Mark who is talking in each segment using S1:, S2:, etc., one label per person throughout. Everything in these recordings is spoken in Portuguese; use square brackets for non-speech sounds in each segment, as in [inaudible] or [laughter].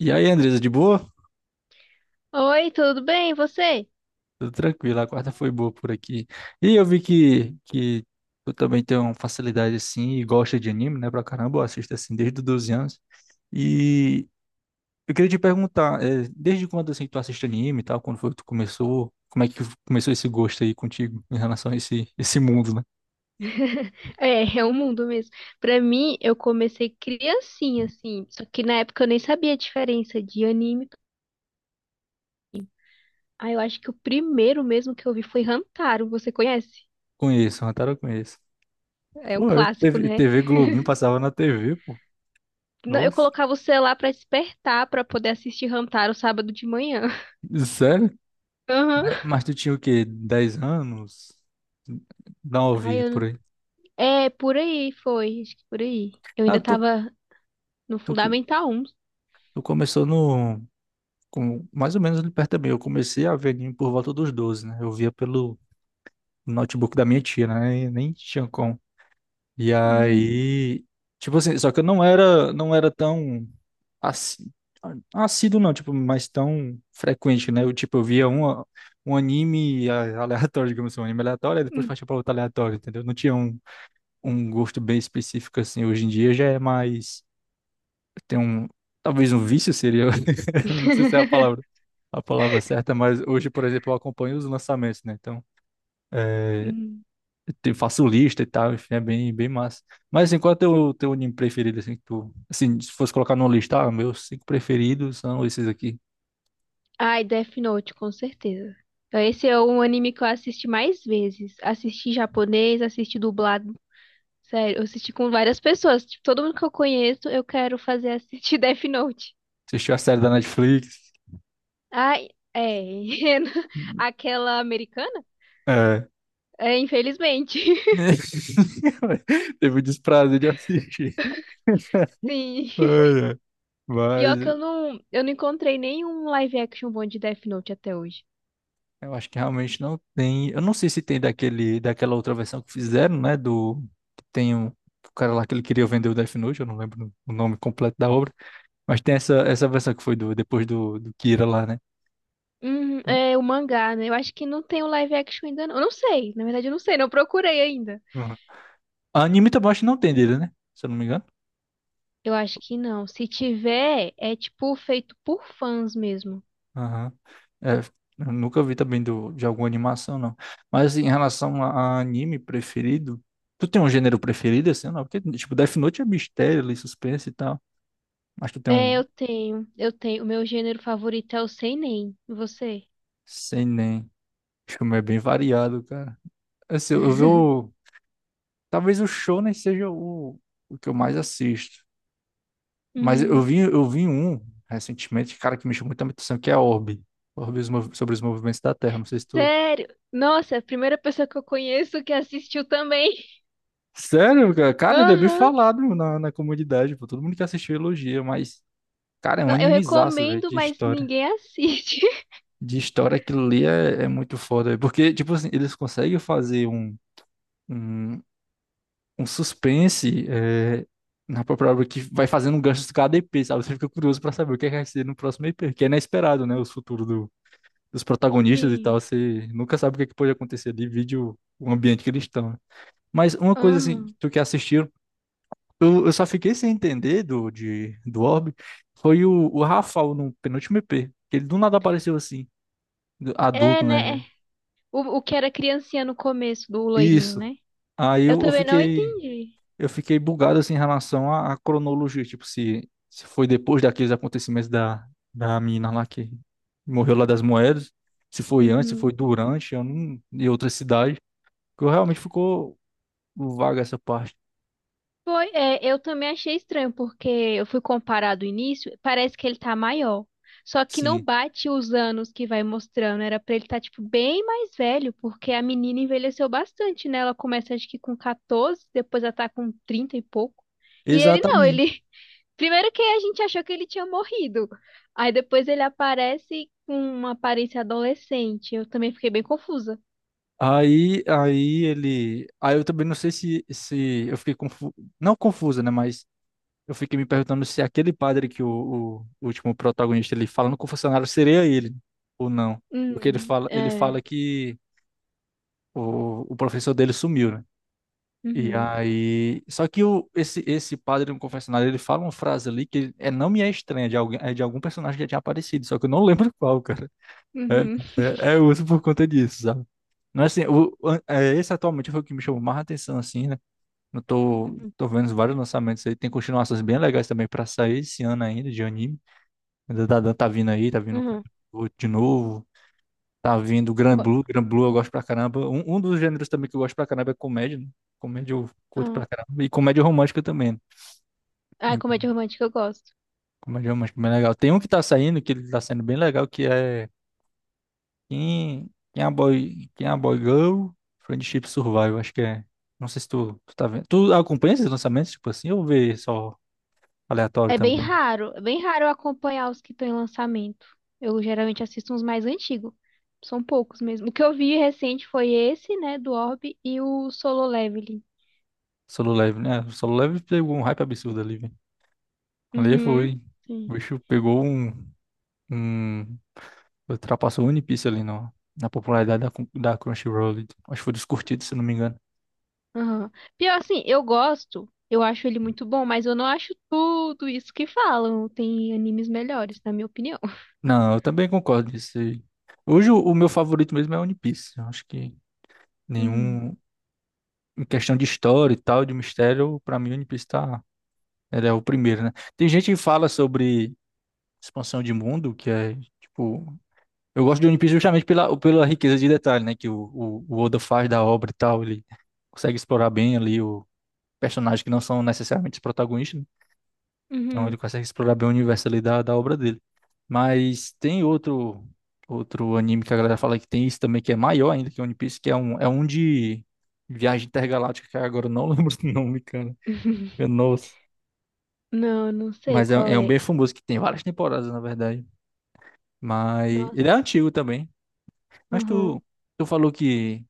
S1: E aí, Andresa, de boa?
S2: Oi, tudo bem? E você?
S1: Tudo tranquilo, a quarta foi boa por aqui. E eu vi que tu também tem uma facilidade assim e gosta de anime, né, pra caramba, eu assisto assim desde os 12 anos. E eu queria te perguntar, desde quando assim tu assiste anime e tal, quando foi que tu começou, como é que começou esse gosto aí contigo em relação a esse mundo, né?
S2: [laughs] É, é o mundo mesmo. Pra mim, eu comecei criancinha, assim. Só que na época eu nem sabia a diferença de anime. Ah, eu acho que o primeiro mesmo que eu vi foi Hamtaro. Você conhece?
S1: Conheço, Hantaro eu conheço.
S2: É um
S1: Pô, eu-
S2: clássico,
S1: TV,
S2: né?
S1: TV Globinho passava na TV, pô.
S2: Não, eu
S1: Nossa,
S2: colocava o celular pra despertar pra poder assistir Hamtaro sábado de manhã. [laughs]
S1: sério?
S2: Aham.
S1: Mas tu tinha o quê? 10 anos?
S2: Ai,
S1: 9,
S2: eu...
S1: por aí.
S2: É, por aí foi. Acho que por aí. Eu
S1: Ah,
S2: ainda
S1: tu,
S2: tava no
S1: tu, co-
S2: Fundamental 1.
S1: Tu começou no, com, mais ou menos ali perto também. Eu comecei a ver anime por volta dos 12, né? Eu via pelo notebook da minha tia, né? E nem tinha como. E
S2: Uhum.
S1: aí, tipo assim, só que eu não era, não era tão assi- assíduo, não, tipo, mas tão frequente, né? Eu, tipo, eu via um anime aleatório, [laughs] digamos assim, um anime aleatório, e depois
S2: Uhum.
S1: partia pra outro aleatório, entendeu? Não tinha um gosto bem específico, assim. Hoje em dia já é mais... Tem um... Talvez um vício seria [laughs] eu não sei se é
S2: [laughs]
S1: a palavra certa, mas hoje, por exemplo, eu acompanho os lançamentos, né? Então, é,
S2: Uhum.
S1: faço lista e tal, enfim, é bem, bem massa. Mas, assim, qual é o teu anime preferido, assim, que tu... Assim, se fosse colocar numa lista, ah, meus cinco preferidos são esses aqui.
S2: Ai, Death Note, com certeza. Então, esse é um anime que eu assisti mais vezes. Assisti em japonês, assisti dublado. Sério, eu assisti com várias pessoas. Tipo, todo mundo que eu conheço, eu quero fazer assistir [laughs] Death Note.
S1: Assistiu a série da Netflix?
S2: Ai, é. [laughs] Aquela americana?
S1: É.
S2: É, infelizmente. [laughs]
S1: [laughs] Teve o desprazer de assistir. [laughs]
S2: Sim.
S1: Ai, ai.
S2: Pior que
S1: Mas
S2: eu não encontrei nenhum live action bom de Death Note até hoje.
S1: eu acho que realmente não tem. Eu não sei se tem daquela outra versão que fizeram, né? Do. Tem um, o cara lá que ele queria vender o Death Note, eu não lembro o nome completo da obra. Mas tem essa versão que foi do, depois do Kira lá, né? Uhum.
S2: É o mangá, né? Eu acho que não tem o live action ainda, não. Eu não sei. Na verdade, eu não sei, não procurei ainda.
S1: A anime também acho que não tem dele, né? Se eu não me engano.
S2: Eu acho que não. Se tiver, é tipo feito por fãs mesmo.
S1: Aham. É, eu nunca vi também do, de alguma animação, não. Mas em relação a anime preferido, tu tem um gênero preferido, assim, ou não? Porque, tipo, Death Note é mistério, ali, suspense e tal. Mas tu tem
S2: É,
S1: um.
S2: eu tenho. Eu tenho. O meu gênero favorito é o seinen. Você?
S1: Sei, filme é bem variado, cara. Assim,
S2: [laughs]
S1: talvez o Shonen seja o que eu mais assisto. Mas
S2: Uhum.
S1: eu vi um recentemente, cara, que me chamou muita atenção, que é Orbe. Sobre os movimentos da Terra. Não sei se tu.
S2: Sério? Nossa, é a primeira pessoa que eu conheço que assistiu também. [laughs]
S1: Sério, cara? Cara, ele é bem
S2: Aham.
S1: falado na comunidade, pô. Todo mundo que assistiu elogia, mas, cara, é um
S2: Não, eu
S1: animezaço, velho,
S2: recomendo,
S1: de
S2: mas
S1: história.
S2: ninguém assiste.
S1: De história, aquilo ali é, é muito foda, velho. Porque, tipo assim, eles conseguem fazer um. Um- um suspense é, na própria obra que vai fazendo um gancho de cada EP, sabe? Você fica curioso pra saber o que é que vai ser no próximo EP, que é inesperado, né? Dos
S2: [laughs]
S1: protagonistas e tal,
S2: Sim.
S1: você nunca sabe o que é que pode acontecer ali, vide o ambiente que eles estão, né? Mas uma coisa assim,
S2: Aham.
S1: tu que assistiu, eu só fiquei sem entender do, de, do Orbe, foi o Rafael no penúltimo EP, que ele do nada apareceu assim,
S2: É,
S1: adulto,
S2: né?
S1: né?
S2: É. O que era criancinha no começo do loirinho,
S1: Isso.
S2: né?
S1: Aí
S2: Eu
S1: eu
S2: também não
S1: fiquei.
S2: entendi.
S1: Eu fiquei bugado assim em relação à cronologia, tipo, se foi depois daqueles acontecimentos da mina lá que morreu lá das moedas, se foi antes, se foi
S2: Uhum.
S1: durante, eu não, e outra cidade, que eu realmente ficou vaga essa parte.
S2: Foi, é, eu também achei estranho, porque eu fui comparar do início, parece que ele tá maior. Só que não
S1: Sim,
S2: bate os anos que vai mostrando, era pra ele estar, tá, tipo, bem mais velho, porque a menina envelheceu bastante, né? Ela começa, acho que com 14, depois ela tá com 30 e pouco. E ele não,
S1: exatamente.
S2: [laughs] Primeiro que a gente achou que ele tinha morrido. Aí depois ele aparece com uma aparência adolescente. Eu também fiquei bem confusa.
S1: Aí eu também não sei se, se eu fiquei confu... não confusa, né, mas eu fiquei me perguntando se aquele padre que o último protagonista ele fala no confessionário seria ele ou não. Porque ele
S2: É.
S1: fala que o professor dele sumiu, né? E
S2: Uhum.
S1: aí, só que o, esse padre no confessionário, ele fala uma frase ali que é, não me é estranha, de alguém, é de algum personagem que já tinha aparecido, só que eu não [laughs] lembro qual, cara. É,
S2: Uhum.
S1: é uso por conta disso, sabe? Não é assim, esse atualmente foi o que me chamou mais atenção, assim, né? Eu tô
S2: [laughs]
S1: vendo vários lançamentos aí, tem continuações bem legais também pra sair esse ano ainda, de anime. Ainda tá, tá vindo o
S2: Uhum.
S1: Kakarot de novo. Tá vindo Gran Blue, Gran Blue eu gosto pra caramba. Um dos gêneros também que eu gosto pra caramba é comédia, né? Comédia eu curto pra
S2: Uhum.
S1: caramba. E comédia romântica também, né?
S2: Ah, comédia
S1: Então,
S2: romântica eu gosto.
S1: comédia romântica é bem legal. Tem um que tá saindo, que ele tá saindo bem legal, que é quem é a Boy Girl? Friendship Survival, acho que é. Não sei se tu tá vendo. Tu acompanha esses lançamentos, tipo assim, ou vê só aleatório também?
S2: É bem raro eu acompanhar os que estão em lançamento. Eu geralmente assisto uns mais antigos. São poucos mesmo. O que eu vi recente foi esse, né, do Orb e o Solo Leveling.
S1: Solo Level, né? O Solo Level pegou um hype absurdo ali, velho. Ali
S2: Uhum,
S1: foi. O
S2: sim.
S1: bicho pegou um, um Ultrapassou o One Piece ali no, na popularidade da, da Crunchyroll. Acho que foi dos curtidos, se não me engano.
S2: Aham. Pior assim, eu gosto, eu acho ele muito bom, mas eu não acho tudo isso que falam. Tem animes melhores, na minha opinião.
S1: Não, eu também concordo nisso aí. Hoje o meu favorito mesmo é One Piece. Eu acho que
S2: Uhum.
S1: nenhum. Em questão de história e tal, de mistério, pra mim One Piece tá. Ele é o primeiro, né? Tem gente que fala sobre expansão de mundo, que é tipo. Eu gosto de One Piece justamente pela riqueza de detalhe, né? Que o Oda faz da obra e tal. Ele consegue explorar bem ali o personagem que não são necessariamente os protagonistas, né? Então ele
S2: Uhum.
S1: consegue explorar bem o universo ali da obra dele. Mas tem outro anime que a galera fala que tem isso também, que é maior ainda que One Piece, que é um de viagem intergaláctica, que agora eu não [laughs] lembro o nome, cara. Meu,
S2: [laughs]
S1: nossa.
S2: Não, não sei
S1: Mas é,
S2: qual
S1: é um
S2: é.
S1: bem famoso, que tem várias temporadas, na verdade. Mas ele
S2: Nossa.
S1: é antigo também. Mas
S2: Aham.
S1: tu falou que,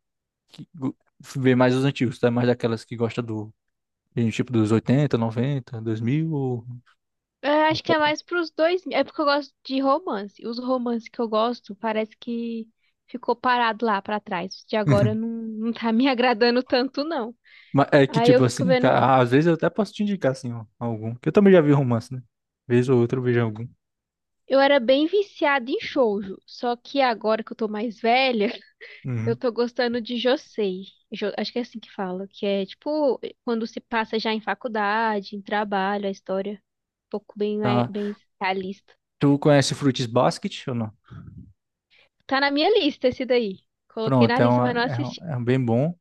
S1: que go- vê mais os antigos, tá? Mais daquelas que gosta do, tipo, dos 80, 90, 2000, ou...
S2: Eu acho que é mais pros dois. É porque eu gosto de romance. Os romances que eu gosto parece que ficou parado lá pra trás. De agora
S1: [laughs]
S2: não, não tá me [laughs] agradando tanto, não.
S1: Mas é que,
S2: Aí
S1: tipo
S2: eu fico
S1: assim,
S2: vendo.
S1: às vezes eu até posso te indicar, assim, ó, algum. Que eu também já vi romance, né? Vez ou outra eu vejo algum.
S2: Eu era bem viciada em shoujo. Só que agora que eu tô mais velha, [laughs] eu
S1: Uhum.
S2: tô gostando de josei. Acho que é assim que fala. Que é tipo quando se passa já em faculdade, em trabalho, a história é um pouco bem, é,
S1: Tá.
S2: bem realista.
S1: Tu conhece Fruits Basket ou não?
S2: Tá na minha lista esse daí. Coloquei
S1: Pronto,
S2: na lista, mas não assisti.
S1: é um bem bom.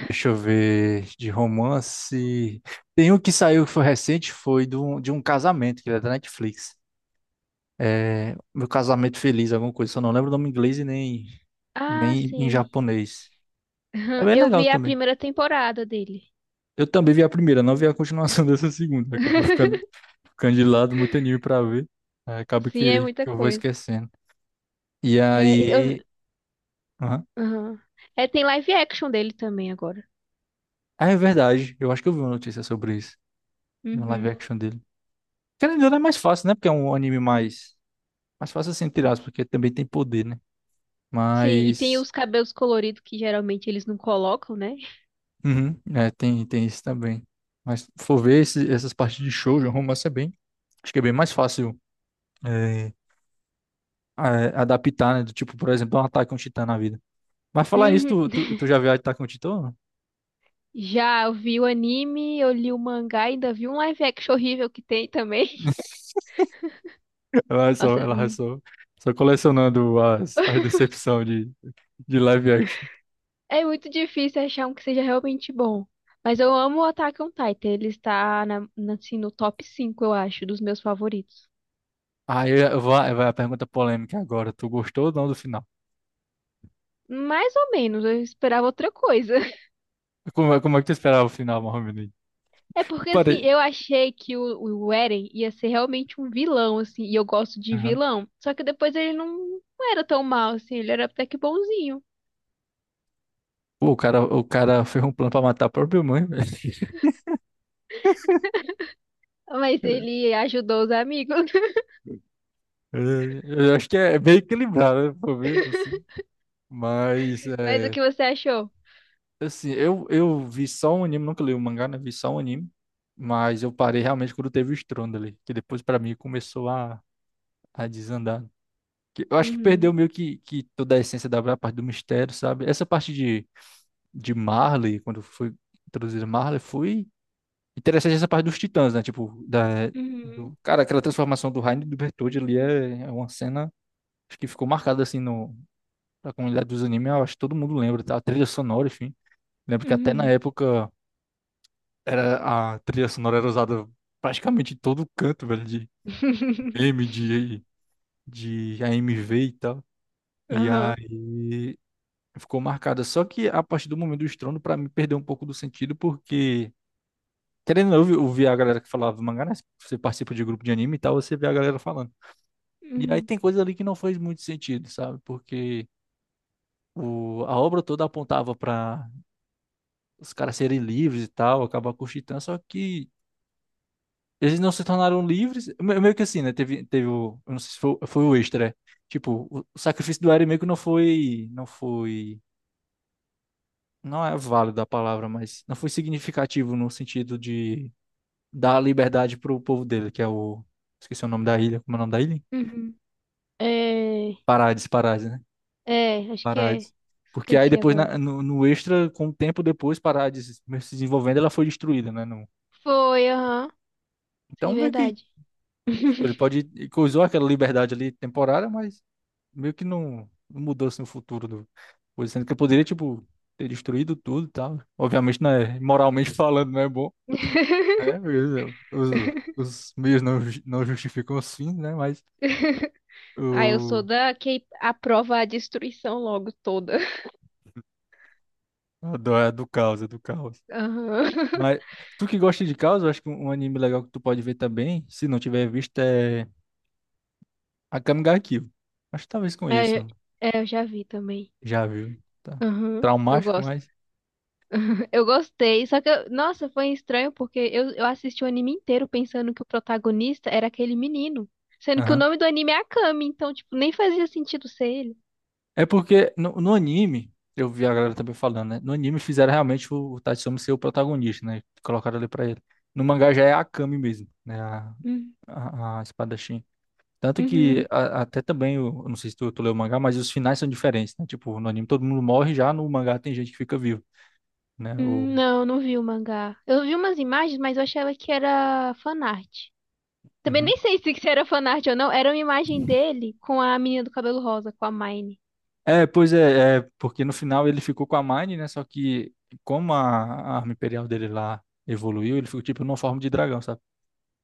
S1: Deixa eu ver de romance. Tem um que saiu que foi recente, foi de um casamento, que é da Netflix. É, Meu Casamento Feliz, alguma coisa. Só não lembro o nome em inglês e nem,
S2: Ah,
S1: nem em
S2: sim.
S1: japonês. É
S2: [laughs]
S1: bem
S2: Eu
S1: legal
S2: vi a
S1: também.
S2: primeira temporada dele.
S1: Eu também vi a primeira, não vi a continuação [laughs] dessa segunda. Acabou ficando
S2: [laughs]
S1: candidato, muito anime pra ver. Aí acaba
S2: Sim, é muita
S1: que eu vou
S2: coisa.
S1: esquecendo. E
S2: É,
S1: aí. Aham.
S2: aham. É, tem live action dele também agora.
S1: Ah, é verdade. Eu acho que eu vi uma notícia sobre isso. De um live
S2: Uhum.
S1: action dele. Querendo ou não, é mais fácil, né? Porque é um anime mais. Mais fácil assim, tirar, porque também tem poder, né?
S2: Sim, e tem
S1: Mas.
S2: os cabelos coloridos que geralmente eles não colocam, né?
S1: Uhum, é, tem isso também. Mas se for ver essas partes de shoujo, romance é bem. Acho que é bem mais fácil é, adaptar, né? Do tipo, por exemplo, um Attack on Titan na vida. Mas falar isso,
S2: Uhum.
S1: tu já viu Attack on Titan?
S2: Já eu vi o anime, eu li o mangá, ainda vi um live action horrível que tem também. [laughs] Nossa,
S1: Ela vai só, só colecionando as, as decepções de live action.
S2: É muito difícil achar um que seja realmente bom. Mas eu amo o Attack on Titan, ele está assim, no top 5 eu acho, dos meus favoritos.
S1: Aí vai a pergunta polêmica agora. Tu gostou ou não do final?
S2: Mais ou menos, eu esperava outra coisa. [laughs]
S1: Como, como é que tu esperava o final, Mohamed?
S2: É
S1: Eu
S2: porque, assim,
S1: parei.
S2: eu achei que o Eren ia ser realmente um vilão, assim, e eu gosto de
S1: Aham.
S2: vilão. Só que depois ele não era tão mal, assim, ele era até que bonzinho.
S1: Pô, o cara fez um plano pra matar a própria mãe, velho.
S2: Mas
S1: [laughs]
S2: ele ajudou os amigos.
S1: É, eu acho que é bem equilibrado, né? Por ver, assim.
S2: [laughs]
S1: Mas,
S2: Mas o
S1: é,
S2: que você achou?
S1: assim, eu vi só um anime, nunca li o mangá, né? Vi só um anime. Mas eu parei realmente quando teve o estrondo ali. Que depois, pra mim, começou a desandar. Eu acho que perdeu
S2: Uhum,
S1: meio que toda a essência da parte do mistério, sabe? Essa parte de Marley, quando foi introduzida Marley, foi interessante essa parte dos titãs, né?
S2: uhum,
S1: Cara, aquela transformação do Rainer e do Bertoldi ali é, é uma cena acho que ficou marcada assim no, na comunidade dos animes. Eu acho que todo mundo lembra, tá? A trilha sonora, enfim. Lembro que até na
S2: uhum.
S1: época era, a trilha sonora era usada praticamente em todo canto, velho, de
S2: [laughs]
S1: meme, de AMV e tal. E
S2: Aham,
S1: aí. Ficou marcada. Só que a partir do momento do estrondo, pra mim, perdeu um pouco do sentido, porque, querendo ou não, eu vi a galera que falava mangá, né? Você participa de grupo de anime e tal, você vê a galera falando. E aí
S2: uhum,
S1: tem coisa ali que não faz muito sentido, sabe? Porque a obra toda apontava pra os caras serem livres e tal, acabar com o Titã, só que eles não se tornaram livres. Meio que assim, né? Teve, teve o. Eu não sei se foi, foi o extra. Tipo, o sacrifício do Eren meio que não foi. Não foi, não é válida a palavra, mas não foi significativo no sentido de dar liberdade pro povo dele, que é o. Esqueci o nome da ilha. Como é o nome da ilha?
S2: uhum. É,
S1: Parades, Parades, né?
S2: é, acho que é.
S1: Parades. Porque aí
S2: Esqueci
S1: depois,
S2: agora.
S1: no extra, com o tempo depois, Parades mesmo se desenvolvendo, ela foi destruída, né?
S2: Foi, aham,
S1: Então,
S2: sim,
S1: meio que
S2: verdade.
S1: tipo, ele pode. Ele coisou aquela liberdade ali temporária, mas meio que não mudou assim, o futuro do. Sendo que eu poderia, tipo, ter destruído tudo e tal. Obviamente, né? Moralmente [laughs] falando, não é bom, né?
S2: [laughs]
S1: Beleza, os meios não justificam os fins, né? Mas
S2: Ah, eu sou
S1: o
S2: da que aprova a destruição logo toda.
S1: é do caos, é do caos.
S2: Aham. [laughs]
S1: Mas tu que gosta de caos, eu acho que um anime legal que tu pode ver também, se não tiver visto, é Akame ga Kill. Acho que talvez com
S2: É, eu-
S1: isso,
S2: é, eu já vi também.
S1: já viu, tá?
S2: Aham. Eu
S1: Traumático,
S2: gosto.
S1: mas.
S2: Eu gostei. Só que, nossa, foi estranho porque eu assisti o anime inteiro pensando que o protagonista era aquele menino. Sendo que o
S1: Aham.
S2: nome do anime é Akami, então, tipo, nem fazia sentido ser ele.
S1: É porque no anime, eu vi a galera também falando, né? No anime fizeram realmente o Tatsumi ser o protagonista, né? Colocaram ali pra ele. No mangá já é a Akame mesmo, né? A,
S2: Hum,
S1: a, a espada. Tanto que
S2: Uhum.
S1: até também, eu não sei se tu leu o mangá, mas os finais são diferentes, né? Tipo, no anime todo mundo morre, já no mangá tem gente que fica vivo, né? O...
S2: Não, não vi o mangá. Eu vi umas imagens, mas eu achava que era fanart. Também
S1: Uhum.
S2: nem sei se isso era fanart ou não. Era uma imagem dele com a menina do cabelo rosa, com a Mine.
S1: É, pois é, porque no final ele ficou com a Mine, né? Só que como a arma imperial dele lá evoluiu, ele ficou tipo numa forma de dragão, sabe?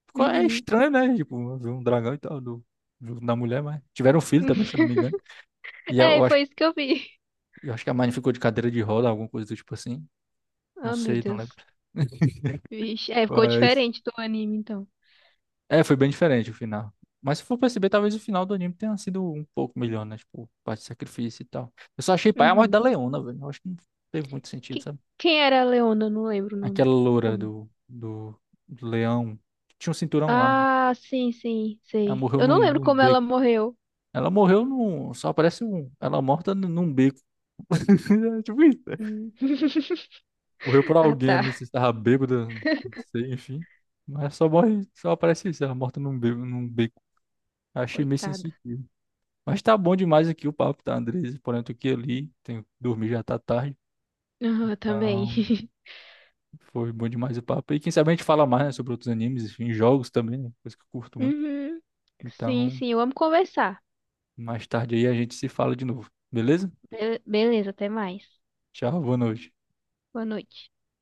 S1: É
S2: Uhum.
S1: estranho, né? Tipo, ver um dragão e tal, da mulher, mas tiveram um filho também, se eu não me engano.
S2: [laughs]
S1: E
S2: É,
S1: eu acho,
S2: foi isso que eu vi.
S1: eu acho que a Mine ficou de cadeira de roda, alguma coisa do tipo assim. Não
S2: Oh, meu
S1: sei, não lembro.
S2: Deus.
S1: [laughs]
S2: Vixe. É, ficou
S1: Mas
S2: diferente do anime, então.
S1: é, foi bem diferente o final. Mas se for perceber, talvez o final do anime tenha sido um pouco melhor, né? Tipo, parte de sacrifício e tal. Eu só achei pai a morte da
S2: Uhum.
S1: Leona, velho. Eu acho que não teve muito sentido,
S2: Que-
S1: sabe?
S2: Quem era a Leona? Eu não lembro o nome.
S1: Aquela
S2: Por
S1: loura
S2: nome.
S1: do, do leão. Tinha um cinturão lá.
S2: Ah, sim, sim,
S1: Ela
S2: sei.
S1: morreu
S2: Eu
S1: num,
S2: não lembro
S1: num
S2: como ela
S1: beco.
S2: morreu.
S1: Ela morreu num. Só aparece um. Ela morta num beco. [laughs] É, tipo isso, né?
S2: Hum.
S1: Morreu
S2: [laughs]
S1: por
S2: Ah,
S1: alguém, não
S2: tá.
S1: sei se tava bêbada, não sei, enfim. Mas só morre, só aparece isso, ela morta num beco, num beco. Achei meio
S2: Coitada.
S1: sensitivo. Mas tá bom demais aqui o papo, tá, Andres? Porém, eu tô aqui ali, tenho que dormir, já tá tarde.
S2: Ah, também.
S1: Então,
S2: [laughs]
S1: foi bom demais o papo. E quem sabe a gente fala mais, né, sobre outros animes, enfim, jogos também, né? Coisa que eu curto muito.
S2: Uhum. Sim,
S1: Então,
S2: sim, eu amo conversar.
S1: mais tarde aí a gente se fala de novo, beleza?
S2: Beleza, até mais.
S1: Tchau, boa noite.
S2: Boa noite.